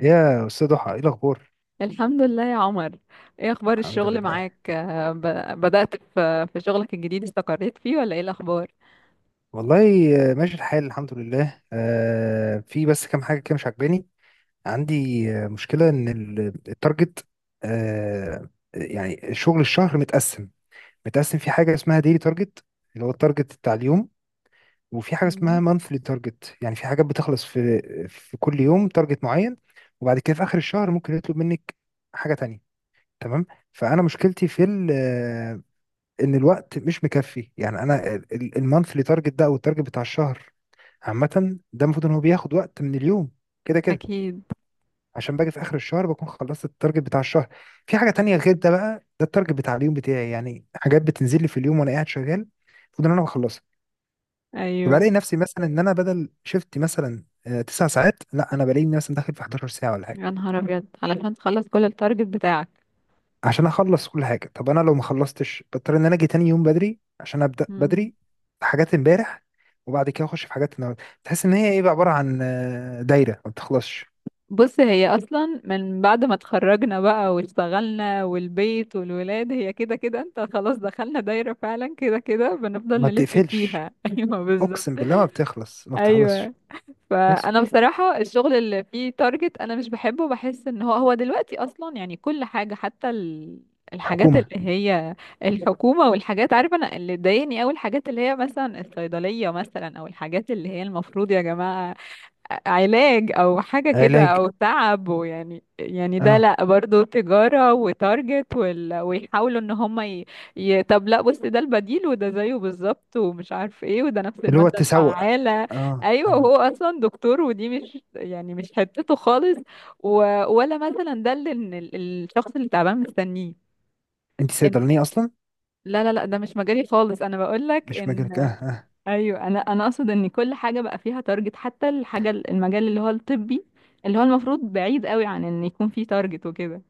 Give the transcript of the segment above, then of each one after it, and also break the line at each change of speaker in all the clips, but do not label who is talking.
يا أستاذ ضحى، إيه الأخبار؟
الحمد لله يا عمر. ايه اخبار
الحمد
الشغل
لله.
معاك؟ بدأت في شغلك الجديد، استقريت فيه ولا ايه الاخبار؟
والله، ماشي الحال، الحمد لله. في بس كام حاجة كده مش عاجباني. عندي مشكلة، التارجت، يعني شغل الشهر متقسم. متقسم في حاجة اسمها ديلي تارجت، اللي هو التارجت بتاع اليوم. وفي حاجة اسمها
مم.
مانثلي تارجت، يعني في حاجات بتخلص في كل يوم تارجت معين، وبعد كده في آخر الشهر ممكن يطلب منك حاجة تانية. تمام. فأنا مشكلتي في ال ان الوقت مش مكفي، يعني انا المانثلي تارجت ده او التارجت بتاع الشهر عامه، ده المفروض ان هو بياخد وقت من اليوم كده كده.
اكيد.
عشان باجي في اخر الشهر بكون خلصت التارجت بتاع الشهر، في حاجه تانية غير ده. بقى ده التارجت بتاع اليوم بتاعي، يعني حاجات بتنزل لي في اليوم وانا قاعد شغال، المفروض ان انا بخلصها.
ايوه.
فبلاقي نفسي مثلا ان انا بدل شفتي مثلا تسع ساعات، لا انا بلاقي نفسي مثلا داخل في 11 ساعه ولا حاجه،
يا نهار ابيض علشان تخلص كل التارجت بتاعك.
عشان اخلص كل حاجه. طب انا لو ما خلصتش بضطر ان انا اجي تاني يوم بدري عشان ابدا
مم.
بدري حاجات امبارح، وبعد كده اخش في حاجات النهارده. تحس ان هي ايه بقى؟ عباره عن دايره ما بتخلصش،
بص، هي اصلا من بعد ما اتخرجنا بقى واشتغلنا والبيت والولاد هي كده كده، انت خلاص دخلنا دايرة فعلا، كده كده بنفضل
ما
نلف
بتقفلش.
فيها ايوه
اقسم
بالظبط.
بالله، ما بتخلص، ما بتخلصش.
ايوه،
بس.
فانا بصراحه الشغل اللي فيه تارجت انا مش بحبه، بحس ان هو دلوقتي اصلا، يعني كل حاجه حتى الحاجات
حكومه.
اللي هي الحكومه والحاجات، عارفه انا اللي ضايقني قوي الحاجات اللي هي مثلا الصيدليه، مثلا او الحاجات اللي هي المفروض يا جماعه علاج او حاجة كده
علاج.
او تعب، ويعني ده
اه.
لا، برضو تجارة وتارجت ويحاولوا ان هم طب لا. بص، ده البديل وده زيه بالظبط، ومش عارف ايه، وده نفس
اللي هو
المادة
التسوق.
الفعالة.
اه،
ايوه،
اه.
وهو اصلا دكتور، ودي مش يعني مش حتته خالص و... ولا مثلا ده اللي إن الشخص اللي تعبان مستنيه.
انت
إن-
صيدلانيه اصلا.
لا لا لا، ده مش مجالي خالص، انا بقول لك
مش مجالك، اه
ان
اه.
ايوه. انا اقصد ان كل حاجه بقى فيها تارجت، حتى الحاجه المجال اللي هو الطبي، اللي هو المفروض بعيد قوي عن ان يكون فيه تارجت وكده.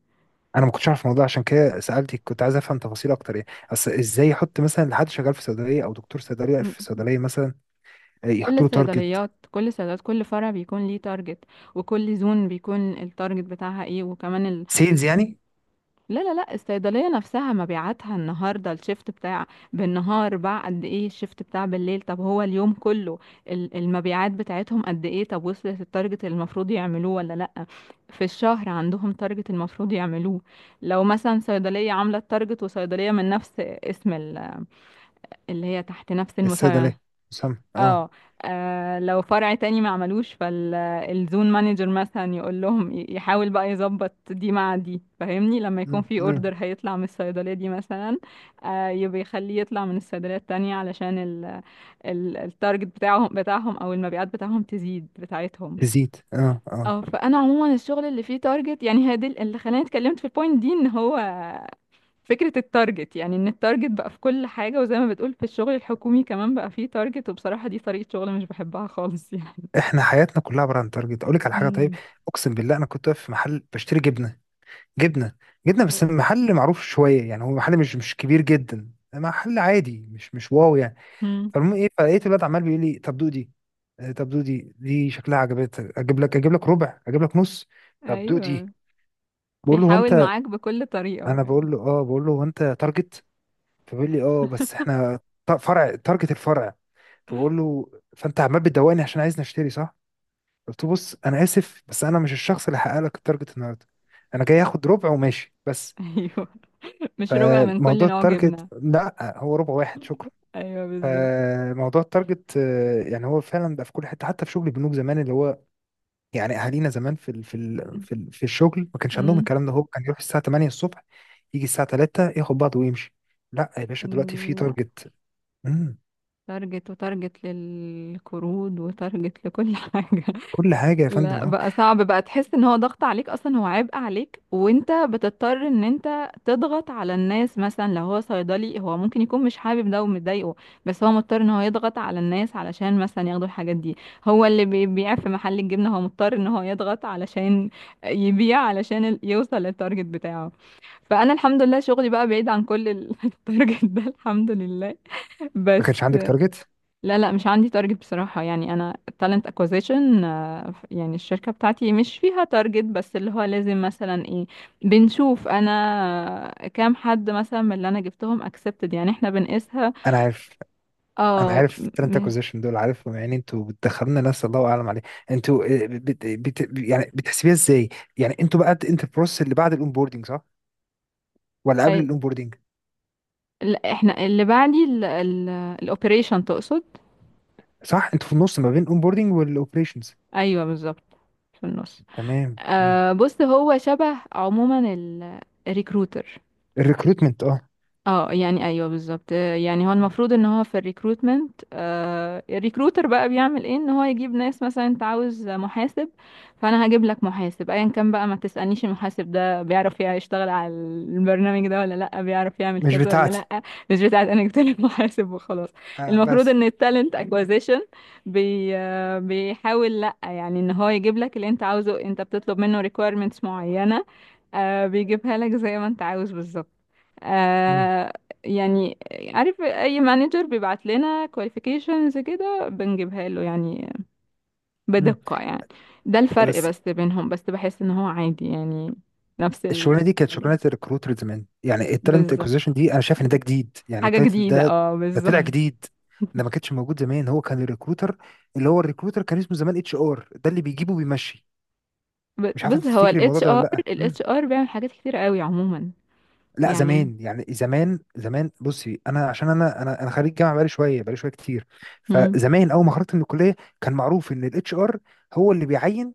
انا ما كنتش اعرف الموضوع عشان كده سالتك، كنت عايز افهم تفاصيل اكتر يعني. اصل ازاي يحط مثلا لحد شغال في صيدليه او دكتور صيدليه
م.
في صيدليه مثلا
كل
يحط له تارجت؟
الصيدليات، كل الصيدليات، كل فرع بيكون ليه تارجت، وكل زون بيكون التارجت بتاعها ايه، وكمان
سيلز يعني.
لا لا لا، الصيدلية نفسها مبيعاتها النهاردة، الشيفت بتاع بالنهار باع قد ايه، الشيفت بتاع بالليل، طب هو اليوم كله المبيعات بتاعتهم قد ايه، طب وصلت التارجت اللي المفروض يعملوه ولا لا؟ في الشهر عندهم تارجت المفروض يعملوه. لو مثلا صيدلية عاملة التارجت، وصيدلية من نفس اسم اللي هي تحت نفس المسمى،
الصيدلية. سامع، اه.
اه. لو فرع تاني ما عملوش، فالزون مانجر مثلا يقول لهم يحاول بقى يظبط دي مع دي، فاهمني؟ لما يكون
م-
في اوردر
م.
هيطلع من الصيدلية دي مثلا، يبقى يخليه يطلع من الصيدلية التانية علشان ال التارجت بتاعهم او المبيعات بتاعهم تزيد بتاعتهم.
تزيد، اه اه.
اه. فانا عموما الشغل اللي فيه تارجت، يعني هي دي اللي خلاني اتكلمت في البوينت دي، ان هو فكرة التارجت، يعني ان التارجت بقى في كل حاجة، وزي ما بتقول في الشغل الحكومي كمان بقى فيه تارجت، وبصراحة دي طريقة شغل مش بحبها خالص يعني.
احنا حياتنا كلها عبارة عن تارجت. اقول لك على حاجة، طيب.
مم.
اقسم بالله انا كنت واقف في محل بشتري جبنة، جبنة، جبنة. بس محل معروف شوية، يعني هو محل مش كبير جدا، محل عادي، مش واو يعني.
مم.
فالمهم ايه؟ فلقيت الواد عمال بيقول لي: طب دودي، طب دودي، دي شكلها عجبتك، اجيب لك ربع، اجيب لك نص؟ طب دودي.
ايوه،
بقول له: هو
بيحاول
انت...
معاك بكل طريقة
انا
يعني.
بقول له: اه، بقول له: هو انت تارجت؟ فبيقول لي: اه بس احنا فرع تارجت، الفرع. بقول له: فانت عمال بتدوقني عشان عايزني اشتري، صح؟ قلت له: بص، انا اسف بس انا مش الشخص اللي هحقق لك التارجت النهارده، انا جاي اخد ربع وماشي بس.
ايوه، مش ربع من كل
فموضوع
نوع
التارجت،
جبنة.
لا، هو ربع واحد، شكرا.
ايوه بالظبط.
فموضوع التارجت يعني هو فعلا بقى في كل حته، حتى في شغل البنوك زمان. اللي هو يعني اهالينا زمان في الشغل، ما كانش عندهم
مم.
الكلام ده. هو كان يروح الساعه 8 الصبح، يجي الساعه 3 ياخد بعضه ويمشي. لا يا باشا، دلوقتي في
مم. لا،
تارجت. مم،
تارجت وتارجت للقروض وتارجت لكل حاجة.
كل حاجه يا فندم،
لا
اه.
بقى صعب بقى، تحس ان هو ضغط عليك اصلا، هو عبء عليك، وانت بتضطر ان انت تضغط على الناس، مثلا لو هو صيدلي هو ممكن يكون مش حابب ده ومضايقه، بس هو مضطر ان هو يضغط على الناس علشان مثلا ياخدوا الحاجات دي. هو اللي بيبيع في محل الجبنة هو مضطر ان هو يضغط علشان يبيع، علشان يوصل للتارجت بتاعه. فانا الحمد لله شغلي بقى بعيد عن كل التارجت ده، الحمد لله.
ما
بس
كانش عندك تارجت.
لا لا، مش عندي تارجت بصراحة، يعني أنا talent acquisition. يعني الشركة بتاعتي مش فيها تارجت، بس اللي هو لازم مثلا ايه، بنشوف أنا كام حد مثلا من اللي أنا جبتهم accepted، يعني احنا بنقيسها.
انا عارف. انا
اه.
عارف التالنت اكوزيشن دول، عارفهم يعني. انتوا بتدخلنا ناس الله اعلم عليه. انتوا يعني بتحسبيها ازاي؟ يعني انتوا بقى، انت البروسيس اللي بعد الاونبوردنج، صح؟ ولا قبل
أي-
الاونبوردنج؟
لا، احنا اللي بعدي ال الأوبريشن تقصد؟
صح، انتوا في النص ما بين الاونبوردنج والاوبريشنز.
أيوه بالظبط، في النص.
تمام.
آه، بص هو شبه عموما الريكروتر،
الريكروتمنت، اه.
اه، يعني ايوه بالظبط. يعني هو
مم.
المفروض ان هو في الريكروتمنت، آه الريكروتر بقى بيعمل ايه، ان هو يجيب ناس، مثلا انت عاوز محاسب فانا هجيب لك محاسب ايا كان بقى، ما تسألنيش المحاسب ده بيعرف يشتغل على البرنامج ده ولا لا، بيعرف يعمل
مش
كذا ولا
بتاعتي.
لا، مش بتاعت. انا جبت لك محاسب وخلاص.
آه
المفروض
بس.
ان التالنت اكوزيشن بي آه، بيحاول، لا يعني ان هو يجيب لك اللي انت عاوزه، انت بتطلب منه requirements معينة، بيجيبها لك زي ما انت عاوز بالظبط.
مم.
آه يعني، عارف اي مانجر بيبعت لنا كواليفيكيشنز كده بنجيبها له يعني،
مم.
بدقة يعني. ده الفرق
بس
بس بينهم، بس بحس ان هو عادي يعني، نفس
الشغلانه دي كانت
الحاجة
شغلانه الريكروتر زمان، يعني التالنت
بالظبط.
اكوزيشن دي انا شايف ان ده جديد، يعني
حاجة
التايتل
جديدة،
ده،
اه
ده طلع
بالظبط.
جديد، ده ما كانش موجود زمان. هو كان الريكروتر، اللي هو الريكروتر كان اسمه زمان اتش ار، ده اللي بيجيبه وبيمشي. مش عارف انت
بص هو
تفتكري
ال
الموضوع ده ولا
HR،
لا.
ال
مم.
HR بيعمل حاجات كتير قوي عموما
لا،
يعني.
زمان يعني زمان زمان، بصي انا، عشان انا خريج جامعه بقالي شويه، بقالي شويه كتير
مم.
فزمان اول ما خرجت من الكليه كان معروف ان الاتش ار هو اللي بيعين،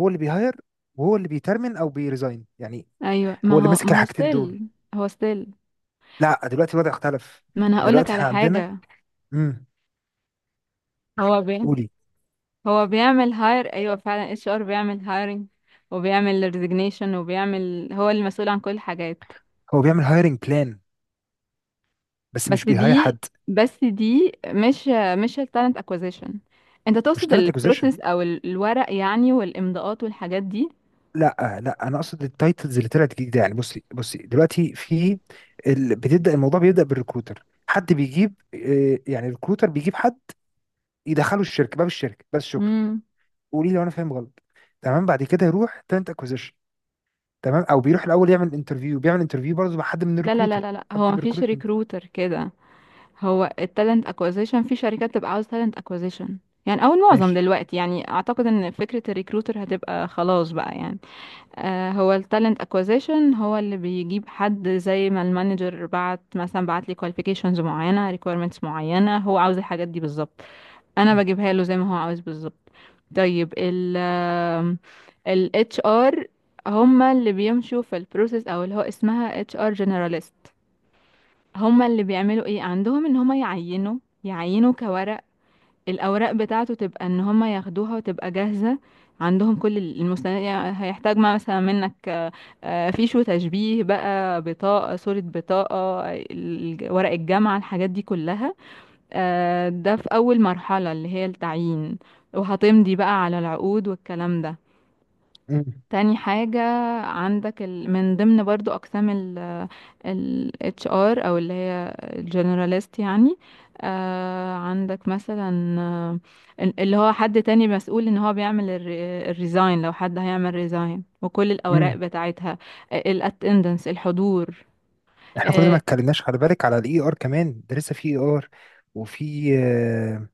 هو اللي بيهاير، وهو اللي بيترمن او بيريزاين يعني.
ايوه،
هو
ما
اللي
هو
ماسك
ما هو
الحاجتين دول.
ستيل، هو ستيل.
لا دلوقتي الوضع اختلف.
ما انا هقولك
دلوقتي
على
احنا عندنا،
حاجة.
امم،
هو بي
قولي.
هو بيعمل هاير، ايوه فعلا اتش ار بيعمل هايرنج، وبيعمل ريزيجنيشن، وبيعمل هو المسؤول عن كل الحاجات.
هو بيعمل هايرنج بلان، بس
بس
مش بيهاير
دي
حد.
بس دي مش، التالنت اكوزيشن. انت
مش
تقصد
تالنت اكوزيشن.
البروسيس او الورق يعني، والامضاءات والحاجات دي.
لا، لا، انا اقصد التايتلز اللي طلعت جديده. يعني بصي دلوقتي في بتبدا، الموضوع بيبدا بالريكروتر. حد بيجيب، يعني الريكروتر بيجيب حد يدخله الشركه، باب الشركه بس، شكرا.
امم.
قولي لي لو انا فاهم غلط. تمام، بعد كده يروح تالنت اكوزيشن، تمام. او بيروح الاول يعمل انترفيو، بيعمل انترفيو برضه مع حد من
لا لا لا
الريكروتر،
لا لا،
حد
هو
من
مفيش
الريكروتمنت.
ريكروتر كده. هو التالنت اكوزيشن، في شركات تبقى عاوز تالنت اكوزيشن يعني، او المعظم
ماشي.
دلوقتي، يعني اعتقد ان فكرة الريكروتر هتبقى خلاص بقى يعني. هو التالنت اكوزيشن هو اللي بيجيب حد، زي ما المانجر بعت مثلا، بعت لي كواليفيكيشنز معينه، ريكويرمنتس معينه هو عاوز الحاجات دي بالظبط، انا بجيبها له زي ما هو عاوز بالظبط. طيب ال اتش ار، هما اللي بيمشوا في البروسيس، او اللي هو اسمها اتش ار جنراليست. هما اللي بيعملوا ايه عندهم، ان هما يعينوا، كورق. الأوراق بتاعته تبقى إن هما ياخدوها، وتبقى جاهزة عندهم كل المستندات، يعني هيحتاج ما مثلا منك فيش وتشبيه بقى، بطاقة، صورة بطاقة، ورق الجامعة، الحاجات دي كلها. ده في أول مرحلة اللي هي التعيين، وهتمضي بقى على العقود والكلام ده. تاني حاجة، عندك من ضمن برضو أقسام ال HR، أو اللي هي الجنراليست يعني. آه، عندك مثلا اللي هو حد تاني مسؤول ان هو بيعمل الريزاين، لو حد هيعمل ريزاين وكل الأوراق
امم،
بتاعتها، الاتندنس، الحضور.
احنا كل ده ما
آه
اتكلمناش. خلي بالك على الاي ار كمان، ده لسه في اي ار. وفي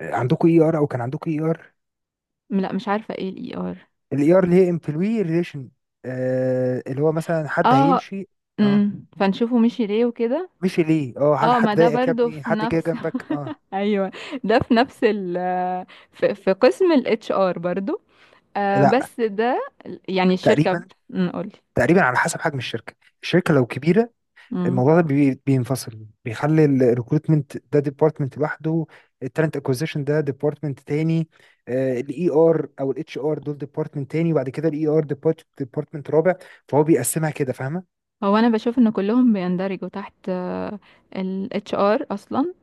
عندكم اي ار او كان عندكم اي ار؟
لا، مش عارفة ايه الاي ار.
الاي ار اللي هي امبلوي ريليشن، اللي هو مثلا حد
اه،
هيمشي، اه.
أمم، فنشوفه مشي ليه وكده.
مشي ليه، اه؟ هل
اه،
حد
ما ده
ضايقك يا
برضو
ابني؟
في
حد جه
نفس
جنبك، اه؟
ايوه، ده في نفس في قسم ال HR برضو. آه
لا،
بس ده يعني الشركة
تقريبا،
نقول،
تقريبا على حسب حجم الشركه. الشركه لو كبيره الموضوع ده بينفصل، بيخلي الريكروتمنت ده ديبارتمنت لوحده، التالنت اكوزيشن ده ديبارتمنت تاني، الاي ار او الاتش ار دول ديبارتمنت تاني، وبعد كده الاي ار ديبارتمنت رابع. فهو بيقسمها كده، فاهمه.
هو انا بشوف ان كلهم بيندرجوا تحت ال HR اصلا.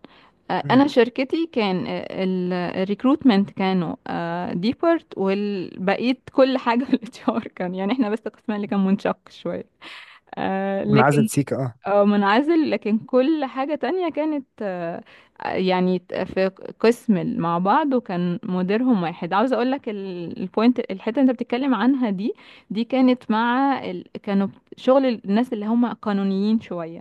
آه
مم.
انا شركتي كان الريكروتمنت كانوا ديبارت، والبقية كل حاجة ال HR كان، يعني احنا بس قسمنا اللي كان منشق شوية
منعزل
لكن،
سيكا، اه.
اه، منعزل. لكن كل حاجة تانية كانت في قسم مع بعض، وكان مديرهم واحد. عاوزة اقولك البوينت، الحتة اللي انت بتتكلم عنها دي، دي كانت مع كانوا شغل الناس اللي هم قانونيين شوية،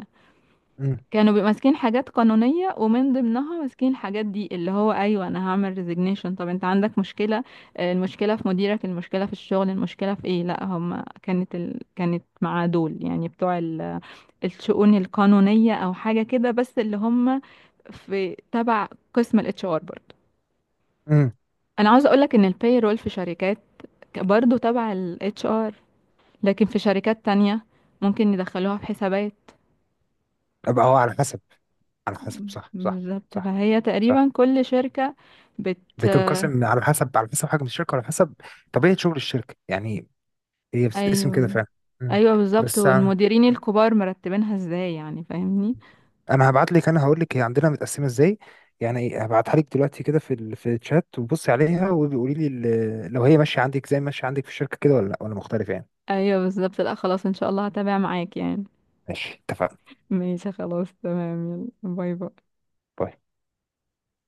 امم.
كانوا بيبقوا ماسكين حاجات قانونية، ومن ضمنها ماسكين الحاجات دي اللي هو، ايوه انا هعمل ريزيجنيشن طب انت عندك مشكلة، المشكلة في مديرك، المشكلة في الشغل، المشكلة في ايه. لا هم كانت كانت مع دول، يعني بتوع الشؤون القانونية او حاجة كده، بس اللي هم في تبع قسم الاتش ار برضه.
امم.
انا عاوزة اقولك ان الباي رول في شركات برضه تبع الاتش ار، لكن في شركات تانية ممكن يدخلوها في حسابات.
ابقى هو على حسب، على حسب. صح، صح.
بالظبط،
صح،
فهي
صح.
تقريبا كل شركة بت
بتنقسم على حسب، على حسب حجم الشركه، على حسب طبيعه شغل الشركه يعني. هي بتتقسم كده
ايوه،
فعلا. مم.
ايوه بالظبط،
بس
والمديرين الكبار مرتبينها ازاي، يعني فاهمني؟
انا هبعت لك، انا هقول لك هي عندنا متقسمه ازاي. يعني ايه، هبعتها لك دلوقتي كده في في الشات، وبصي عليها وقولي لي لو هي ماشيه عندك زي ما ماشيه عندك في الشركه كده ولا لا، ولا مختلف يعني.
ايوه بالظبط، لا خلاص ان شاء الله هتابع معاك يعني.
ماشي، اتفقنا.
ماشي خلاص تمام. يلا، باي باي.
باي.